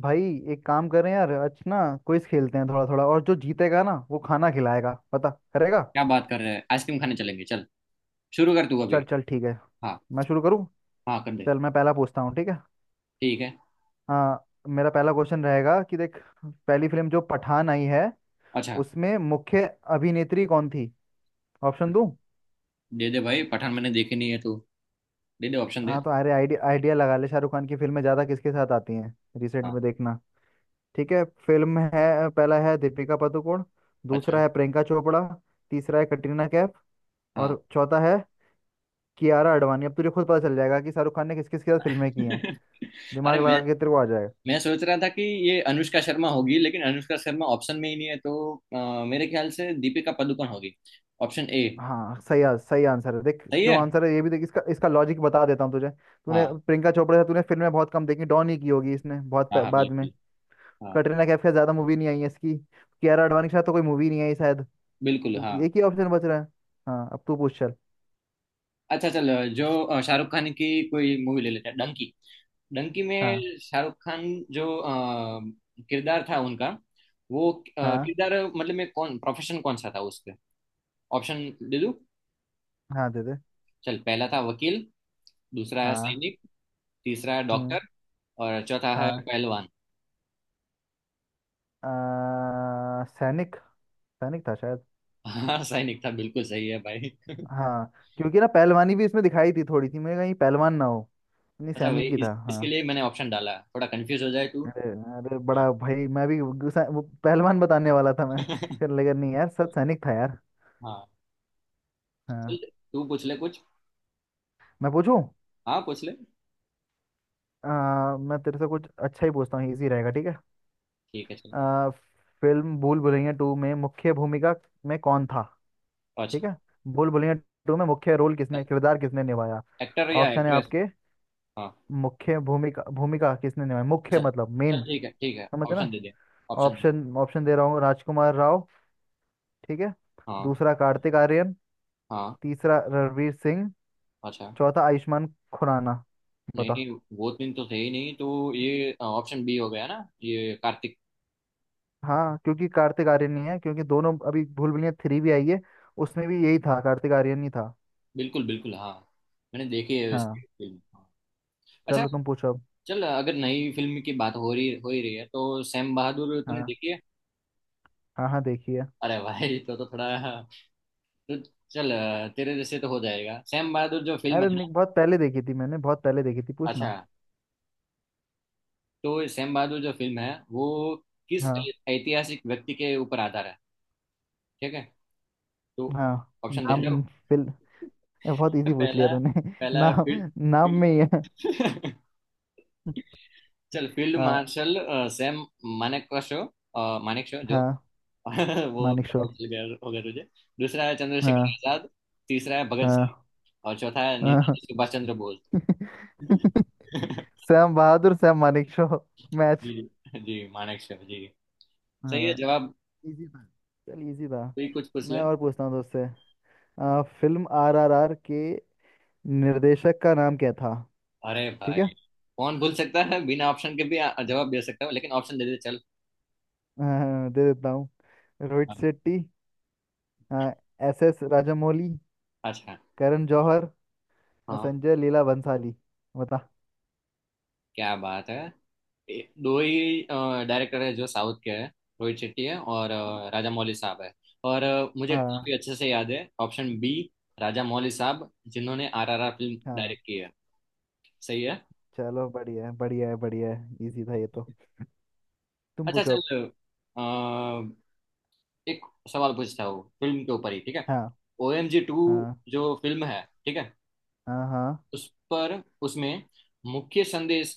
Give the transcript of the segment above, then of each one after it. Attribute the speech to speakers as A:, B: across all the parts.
A: भाई, एक काम करें यार आज ना, क्विज खेलते हैं थोड़ा थोड़ा। और जो जीतेगा ना वो खाना खिलाएगा, पता करेगा।
B: क्या बात कर रहे हैं? आइसक्रीम खाने चलेंगे। चल शुरू कर तू
A: चल
B: अभी।
A: चल ठीक है।
B: हाँ।
A: मैं शुरू करूँ।
B: हाँ कर दे।
A: चल मैं पहला पूछता हूँ ठीक है।
B: ठीक है।
A: हाँ, मेरा पहला क्वेश्चन रहेगा कि देख, पहली फिल्म जो पठान आई है
B: अच्छा।
A: उसमें मुख्य अभिनेत्री कौन थी। ऑप्शन दूँ?
B: दे दे भाई, पठान मैंने देखी नहीं है। तू दे दे, ऑप्शन दे।
A: हाँ तो, अरे आइडिया आइडिया लगा ले, शाहरुख खान की फिल्में ज़्यादा किसके साथ आती हैं रिसेंट
B: हाँ।
A: में, देखना। ठीक है, फिल्म है। पहला है दीपिका पादुकोण, दूसरा
B: अच्छा।
A: है प्रियंका चोपड़ा, तीसरा है कटरीना कैफ
B: हाँ।
A: और चौथा है कियारा आडवाणी। अब तुझे खुद पता चल जाएगा कि शाहरुख खान ने किस किस के साथ फिल्में की हैं।
B: अरे
A: दिमाग लगा
B: मैं
A: के तेरे को आ जाएगा।
B: मैं सोच रहा था कि ये अनुष्का शर्मा होगी, लेकिन अनुष्का शर्मा ऑप्शन में ही नहीं है, तो मेरे ख्याल से दीपिका पादुकोण होगी। Option A।
A: हाँ सही, सही आंसर है। देख
B: सही
A: क्यों
B: है।
A: आंसर है ये, भी देख, इसका इसका लॉजिक बता देता हूँ तुझे। तूने
B: हाँ,
A: प्रियंका चोपड़ा से तूने फिल्में बहुत कम देखी, डॉन ही की होगी इसने, बहुत
B: हाँ, हाँ,
A: बाद में।
B: बिल्कुल। हाँ,
A: कटरीना कैफ के साथ ज्यादा मूवी नहीं आई है इसकी। कियारा आडवाणी के साथ तो कोई मूवी नहीं आई शायद।
B: बिल्कुल।
A: तो
B: हाँ।
A: एक ही ऑप्शन बच रहा है। हाँ अब तू पूछ चल।
B: अच्छा चल। जो शाहरुख खान की कोई मूवी ले लेते हैं, डंकी। डंकी
A: हाँ,
B: में शाहरुख खान जो किरदार था उनका, वो
A: हाँ,
B: किरदार मतलब में कौन प्रोफेशन कौन सा था उसके? ऑप्शन दे दूं।
A: हाँ दे दे,
B: चल, पहला था वकील, दूसरा है
A: हाँ।
B: सैनिक, तीसरा है
A: हम्म।
B: डॉक्टर, और चौथा है
A: हाँ,
B: पहलवान।
A: सैनिक। सैनिक था शायद।
B: हाँ सैनिक था, बिल्कुल सही है भाई।
A: हाँ। क्योंकि ना पहलवानी भी इसमें दिखाई थी थोड़ी सी, मैं कहीं पहलवान ना हो। नहीं,
B: अच्छा, वही
A: सैनिक ही था
B: इसके
A: हाँ।
B: लिए मैंने ऑप्शन डाला, थोड़ा कंफ्यूज हो जाए तू।
A: अरे, अरे
B: हाँ।
A: बड़ा भाई, मैं भी वो वो पहलवान बताने वाला था मैं। फिर लगा नहीं यार, सच सैनिक था यार।
B: हाँ, चल
A: हाँ।
B: तू पूछ ले कुछ।
A: मैं पूछूं?
B: हाँ पूछ ले।
A: मैं तेरे से कुछ अच्छा ही पूछता हूँ, इजी रहेगा ठीक है।
B: ठीक है चल।
A: आ, फिल्म भूल भुलैया टू में मुख्य भूमिका में कौन था। ठीक
B: अच्छा।
A: है, भूल भुलैया टू में मुख्य रोल किसने, किरदार किसने निभाया।
B: एक्टर या
A: ऑप्शन है
B: एक्ट्रेस?
A: आपके।
B: हाँ।
A: मुख्य भूमिका भूमिका किसने निभाई, मुख्य
B: अच्छा
A: मतलब
B: चल,
A: मेन।
B: ठीक है ठीक है,
A: समझे
B: ऑप्शन
A: ना।
B: दे दे। ऑप्शन दे दे।
A: ऑप्शन ऑप्शन दे रहा हूँ। राजकुमार राव ठीक है,
B: हाँ।
A: दूसरा कार्तिक आर्यन,
B: हाँ।
A: तीसरा रणवीर सिंह,
B: अच्छा।
A: चौथा आयुष्मान खुराना।
B: नहीं
A: बता।
B: नहीं, वो दिन तो थे ही नहीं, तो ये ऑप्शन B हो गया ना, ये कार्तिक।
A: हाँ, क्योंकि कार्तिक आर्यन ही है, क्योंकि दोनों अभी भूल भुलैया थ्री भी आई है, उसमें भी यही था, कार्तिक आर्यन ही था।
B: बिल्कुल बिल्कुल, हाँ। मैंने देखी है इसकी
A: हाँ,
B: फिल्म। हाँ। अच्छा
A: चलो तुम पूछो अब।
B: चल, अगर नई फिल्म की बात हो रही हो ही रही है, तो सैम बहादुर तूने
A: हाँ,
B: देखी है?
A: हाँ हाँ देखिए।
B: अरे भाई, तो थोड़ा तो, चल तेरे जैसे तो हो जाएगा। सैम बहादुर जो फिल्म है
A: अरे नहीं,
B: ना,
A: बहुत पहले देखी थी मैंने, बहुत पहले देखी थी,
B: अच्छा,
A: पूछना।
B: तो सैम बहादुर जो फिल्म है वो किस
A: हाँ।
B: ऐतिहासिक व्यक्ति के ऊपर आधार है? ठीक है, तो
A: हाँ
B: ऑप्शन दे रहा
A: नाम।
B: हूँ।
A: फिल बहुत इजी पूछ लिया
B: पहला
A: तूने।
B: पहला
A: नाम नाम में ही है।
B: फील्ड। चल, फील्ड
A: हाँ,
B: मार्शल सैम मानेक का शो, मानेक शो जो
A: हाँ
B: वो
A: मानिक शो।
B: पता चल गया होगा तुझे। दूसरा है चंद्रशेखर
A: हाँ,
B: आजाद, तीसरा है भगत सिंह,
A: हाँ,
B: और चौथा है
A: हाँ।
B: Netaji Subhash Chandra Bose.
A: Sam Bahadur, Sam Manekshaw,
B: ji
A: match.
B: जी जी, मानेक शो जी। सही है
A: हाँ,
B: जवाब।
A: इजी था, चल इजी था।
B: कोई कुछ पूछ ले।
A: मैं और पूछता हूँ दोस्त से। फिल्म आरआरआर के निर्देशक का नाम क्या था।
B: अरे
A: ठीक
B: भाई,
A: है,
B: कौन भूल सकता है, बिना ऑप्शन के भी जवाब दे सकता हूँ, लेकिन ऑप्शन दे दे चल।
A: दे देता हूँ। रोहित
B: हाँ,
A: शेट्टी, एस एस राजामौली,
B: अच्छा।
A: करण जौहर,
B: हाँ,
A: संजय लीला बंसाली। बता।
B: क्या बात है। दो ही डायरेक्टर है जो साउथ के हैं, रोहित शेट्टी है और राजा मौली साहब है। और मुझे
A: हाँ।
B: काफी अच्छे से याद है, ऑप्शन B, राजा मौली साहब, जिन्होंने RRR फिल्म
A: हाँ
B: डायरेक्ट की है। सही है।
A: चलो बढ़िया है बढ़िया है बढ़िया है, इजी था ये तो। तुम
B: अच्छा
A: पूछो
B: चल,
A: अब।
B: अ, एक सवाल पूछता हूँ फिल्म के ऊपर ही, ठीक है?
A: हाँ,
B: OMG 2
A: हाँ,
B: जो फिल्म है, ठीक है,
A: हाँ, हाँ।
B: उस पर, उसमें मुख्य संदेश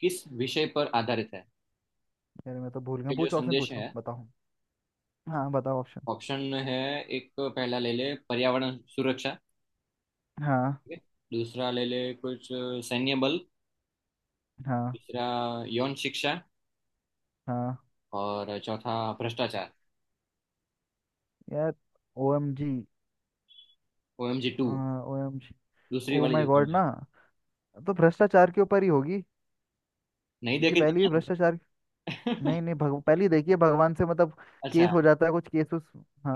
B: किस विषय पर आधारित है?
A: अरे मैं तो भूल गया,
B: ये जो
A: पूछो ऑप्शन,
B: संदेश
A: पूछो,
B: है,
A: बताओ। हाँ बताओ।
B: ऑप्शन है। एक, पहला ले ले, पर्यावरण सुरक्षा
A: हाँ,
B: है। दूसरा ले ले कुछ, सैन्य बल।
A: हाँ,
B: तीसरा, यौन शिक्षा।
A: हाँ।
B: और चौथा, भ्रष्टाचार।
A: यार, ओ एम जी,
B: OMG 2,
A: ओ एम जी,
B: दूसरी
A: ओ
B: वाली
A: माई
B: जो
A: गॉड
B: तुमने
A: ना, तो भ्रष्टाचार के ऊपर ही होगी
B: नहीं
A: क्योंकि
B: देखी
A: पहले भी
B: तुमने?
A: भ्रष्टाचार। नहीं नहीं, पहले ही देखिए भगवान से मतलब
B: अच्छा,
A: केस हो जाता है कुछ, केस उस,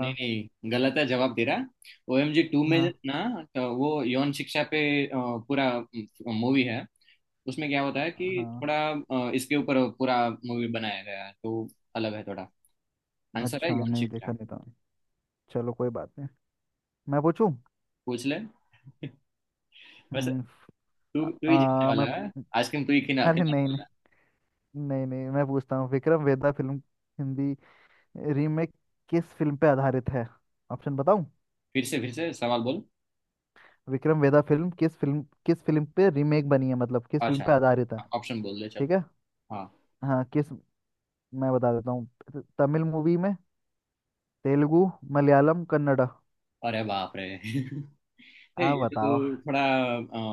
B: नहीं नहीं, गलत है जवाब दे रहा। OMG 2 में
A: हाँ
B: ना, तो वो यौन शिक्षा पे अ, पूरा मूवी है। उसमें क्या होता है कि
A: हाँ।
B: थोड़ा इसके ऊपर पूरा मूवी बनाया गया है, तो अलग है थोड़ा। आंसर है,
A: अच्छा
B: यौन
A: नहीं देखा
B: शिक्षा।
A: नहीं था, चलो कोई बात नहीं। मैं पूछूं।
B: पूछ ले। वैसे,
A: हम्म।
B: तू
A: आ,
B: तू ही जीतने
A: आ,
B: वाला
A: मैं
B: है,
A: पू-
B: आइसक्रीम तू ही
A: अरे
B: खिलाने
A: नहीं नहीं,
B: वाला है।
A: नहीं नहीं, मैं पूछता हूँ विक्रम वेदा फिल्म, हिंदी रीमेक किस फिल्म पे आधारित है। ऑप्शन बताऊं?
B: फिर से सवाल बोल।
A: विक्रम वेदा फिल्म किस फिल्म पे रीमेक बनी है, मतलब किस फिल्म
B: अच्छा,
A: पे आधारित है।
B: ऑप्शन बोल दे चल।
A: ठीक है।
B: हाँ।
A: हाँ किस, मैं बता देता हूँ, तमिल मूवी में, तेलुगु, मलयालम, कन्नड़ा।
B: अरे बाप रे। हे,
A: आप
B: ये
A: बताओ।
B: तो थोड़ा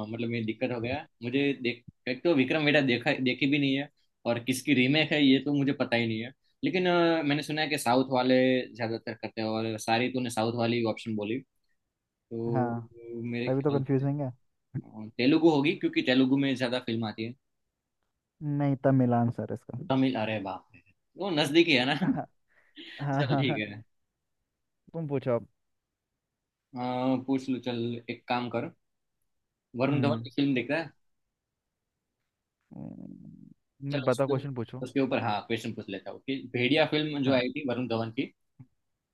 B: मतलब ये दिक्कत हो गया मुझे। देख, एक तो विक्रम वेड़ा देखा देखी भी नहीं है, और किसकी रीमेक है ये तो मुझे पता ही नहीं है। लेकिन मैंने सुना है कि साउथ वाले ज्यादातर करते हैं, और सारी तूने साउथ वाली ऑप्शन बोली। तो
A: हाँ
B: मेरे
A: तभी तो
B: ख्याल से
A: कंफ्यूजिंग है।
B: तेलुगु होगी, क्योंकि तेलुगु में ज्यादा फिल्म आती है।
A: नहीं, तमिल आंसर है इसका।
B: तमिल? अरे बाप रे, वो नजदीकी है ना।
A: हाँ, हाँ,
B: चल
A: हाँ,
B: ठीक
A: हाँ।
B: है।
A: तुम पूछो अब।
B: पूछ लो चल। एक काम करो, वरुण धवन
A: हम्म।
B: की फिल्म देख रहा है।
A: नहीं
B: चलो
A: पता,
B: उसके
A: क्वेश्चन पूछो।
B: उसके ऊपर हाँ क्वेश्चन पूछ लेता हूँ कि भेड़िया फिल्म जो
A: हाँ,
B: आई थी वरुण धवन की,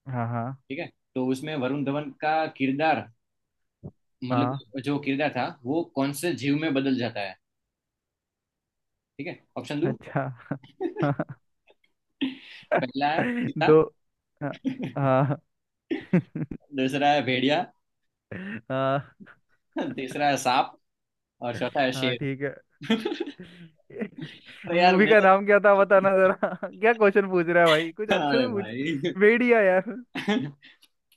A: हाँ, हाँ,
B: ठीक है? तो उसमें वरुण धवन का किरदार,
A: हाँ,
B: मतलब जो किरदार था वो कौन से जीव में बदल जाता है? ठीक है, ऑप्शन दो।
A: अच्छा।
B: पहला है चीता।
A: दो, हाँ, हाँ।
B: दूसरा है भेड़िया।
A: हाँ,
B: तीसरा है सांप। और चौथा है
A: हाँ,
B: शेर।
A: ठीक है।
B: अरे यार
A: मूवी
B: मैं,
A: का नाम क्या था बताना जरा। क्या क्वेश्चन पूछ रहा है भाई, कुछ अच्छे से
B: अरे
A: पूछ।
B: भाई,
A: भेड़िया यार।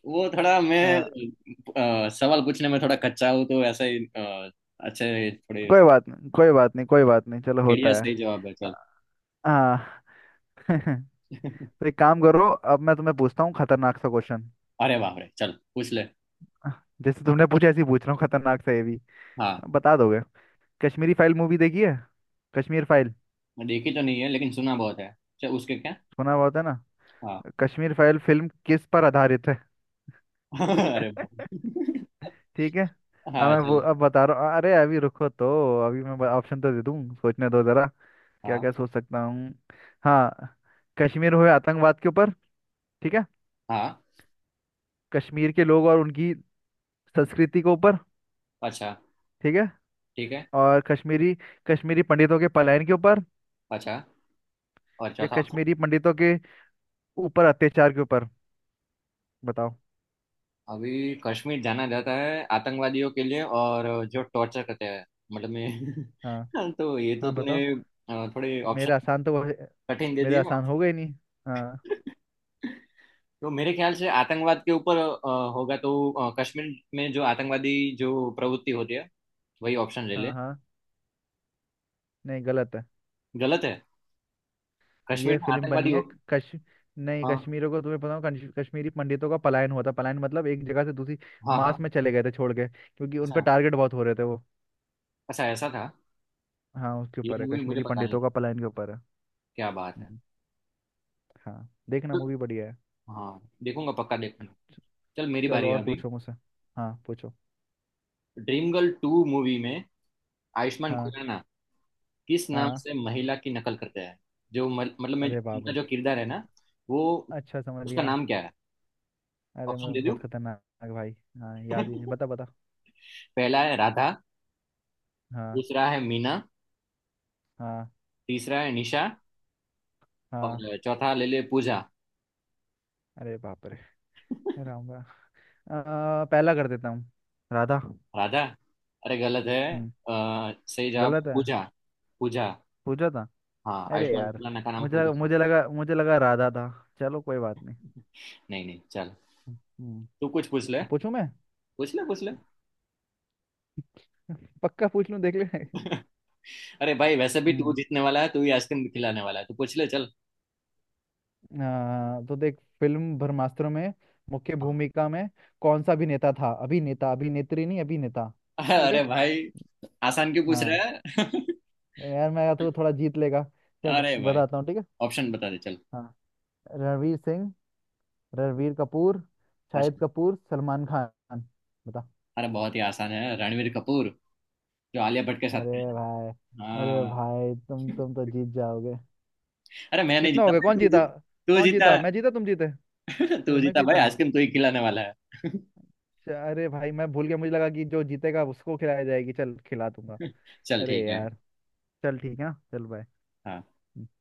B: वो थोड़ा मैं
A: हाँ।
B: सवाल पूछने में थोड़ा कच्चा हूँ, तो ऐसा ही अच्छे थोड़े।
A: कोई बात नहीं कोई बात नहीं कोई बात नहीं, चलो होता
B: बढ़िया,
A: है।
B: सही जवाब है चल।
A: हाँ। तो एक काम करो, अब मैं तुम्हें पूछता हूँ खतरनाक सा क्वेश्चन।
B: अरे बाप रे, चल पूछ ले।
A: जैसे तुमने पूछा ऐसे ही पूछ रहा हूँ, खतरनाक सा ये भी।
B: हाँ।
A: बता दोगे? कश्मीरी फाइल मूवी देखी है? कश्मीर फाइल।
B: मैं देखी तो नहीं है, लेकिन सुना बहुत है। चल उसके क्या।
A: सुना बहुत है ना।
B: हाँ।
A: कश्मीर फाइल फिल्म किस पर आधारित है।
B: अरे बाप रे।
A: ठीक है। अब
B: हाँ
A: मैं वो
B: चल।
A: अब बता रहा हूँ, अरे अभी रुको तो, अभी मैं ऑप्शन तो दे दूँ, सोचने दो जरा। क्या
B: हाँ।
A: क्या सोच सकता हूँ। हाँ, कश्मीर हुए आतंकवाद के ऊपर, ठीक है,
B: हाँ।
A: कश्मीर के लोग और उनकी संस्कृति के ऊपर,
B: अच्छा।
A: ठीक है,
B: ठीक है।
A: और कश्मीरी, कश्मीरी पंडितों के पलायन के ऊपर,
B: अच्छा। और
A: या
B: चौथा ऑप्शन?
A: कश्मीरी पंडितों के ऊपर अत्याचार के ऊपर। बताओ।
B: अभी कश्मीर जाना जाता है आतंकवादियों के लिए, और जो टॉर्चर करते हैं, मतलब
A: हाँ,
B: मैं। तो ये तो
A: हाँ
B: तूने
A: बताओ।
B: थोड़े
A: मेरे
B: ऑप्शन
A: आसान तो
B: कठिन दे
A: मेरे
B: दिए।
A: आसान हो गए, नहीं। हाँ।
B: तो मेरे ख्याल से आतंकवाद के ऊपर होगा, तो कश्मीर में जो आतंकवादी जो प्रवृत्ति होती है, वही ऑप्शन ले
A: हाँ
B: ले।
A: हाँ। नहीं गलत है।
B: गलत है?
A: ये
B: कश्मीर में
A: फिल्म
B: आतंकवादी
A: बनी है,
B: हो।
A: कश नहीं
B: हाँ,
A: कश्मीरों को, तुम्हें पता हो कश्मीरी पंडितों का पलायन हुआ था, पलायन मतलब एक जगह से दूसरी,
B: हाँ,
A: मास
B: हाँ।
A: में चले गए थे छोड़ के, क्योंकि उन पर
B: अच्छा।
A: टारगेट बहुत हो रहे थे वो।
B: अच्छा, ऐसा था।
A: हाँ, उसके
B: ये
A: ऊपर है,
B: मूवी मुझे
A: कश्मीरी
B: पता नहीं।
A: पंडितों का पलायन के ऊपर है।
B: क्या बात है।
A: हम्म, हाँ, देखना
B: तो-
A: मूवी बढ़िया है।
B: हाँ देखूंगा, पक्का देखूंगा। चल मेरी
A: चलो
B: बारी है
A: और
B: अभी।
A: पूछो मुझसे। हाँ पूछो।
B: Dream Girl 2 मूवी में आयुष्मान
A: हाँ,
B: खुराना किस नाम
A: हाँ,
B: से महिला की नकल करते हैं? जो मतलब मैं,
A: अरे बाप
B: उनका
A: रे,
B: जो किरदार है ना, वो,
A: अच्छा समझ
B: उसका
A: गया,
B: नाम क्या है?
A: अरे
B: ऑप्शन
A: मैं
B: दे
A: बहुत
B: दूँ।
A: खतरनाक, भाई हाँ, याद ही नहीं, बता बता।
B: पहला है राधा।
A: हाँ,
B: दूसरा है मीना।
A: हाँ,
B: तीसरा है निशा।
A: हाँ,
B: और चौथा ले ले, पूजा।
A: अरे बाप रे, राम राम। पहला कर देता हूँ, राधा।
B: राधा? अरे गलत है।
A: हम्म।
B: अ, सही जवाब
A: गलत है,
B: पूजा। पूजा।
A: पूछा था।
B: हाँ,
A: अरे
B: आयुष्मान
A: यार,
B: खुराना का नाम
A: मुझे
B: पूजा
A: लगा
B: था।
A: मुझे लगा मुझे लगा राधा था। चलो कोई बात नहीं।
B: नहीं नहीं, चल
A: हम्म।
B: तू कुछ पूछ ले।
A: और पूछूं मैं?
B: पूछ ले, पूछ ले।
A: पक्का पूछ लूं देख ले।
B: अरे भाई, वैसे भी तू
A: हम्म,
B: जीतने वाला है, तू ही आइसक्रीम खिलाने वाला है, तू पूछ ले चल।
A: तो देख, फिल्म ब्रह्मास्त्र में मुख्य
B: हाँ।
A: भूमिका में कौन सा अभिनेता था, अभिनेता, अभिनेत्री नहीं, अभिनेता। ठीक है।
B: अरे भाई, आसान क्यों पूछ
A: हाँ
B: रहा है?
A: तो यार, मैं तो थोड़ा, जीत लेगा। चल
B: अरे भाई,
A: बताता हूँ ठीक है।
B: ऑप्शन बता दे चल।
A: हाँ, रणवीर सिंह, रणवीर कपूर, शाहिद
B: अच्छा,
A: कपूर, सलमान खान। बता।
B: अरे बहुत ही आसान है, रणवीर कपूर, जो आलिया भट्ट के साथ
A: अरे
B: थे।
A: भाई। अरे
B: हाँ।
A: भाई तुम तो जीत जाओगे।
B: अरे मैं नहीं
A: कितना हो
B: जीता,
A: गया, कौन
B: तू
A: जीता?
B: जीत। तू
A: कौन
B: जीता।
A: जीता, मैं जीता, तुम जीते।
B: तू
A: अरे मैं
B: जीता भाई,
A: जीता।
B: आइसक्रीम तू ही खिलाने वाला है।
A: अच्छा, अरे भाई मैं भूल गया, मुझे लगा कि जो जीतेगा उसको खिलाया जाएगी, चल खिला दूंगा।
B: चल
A: अरे
B: ठीक है।
A: यार। चल ठीक है ना? चल बाय।
B: हाँ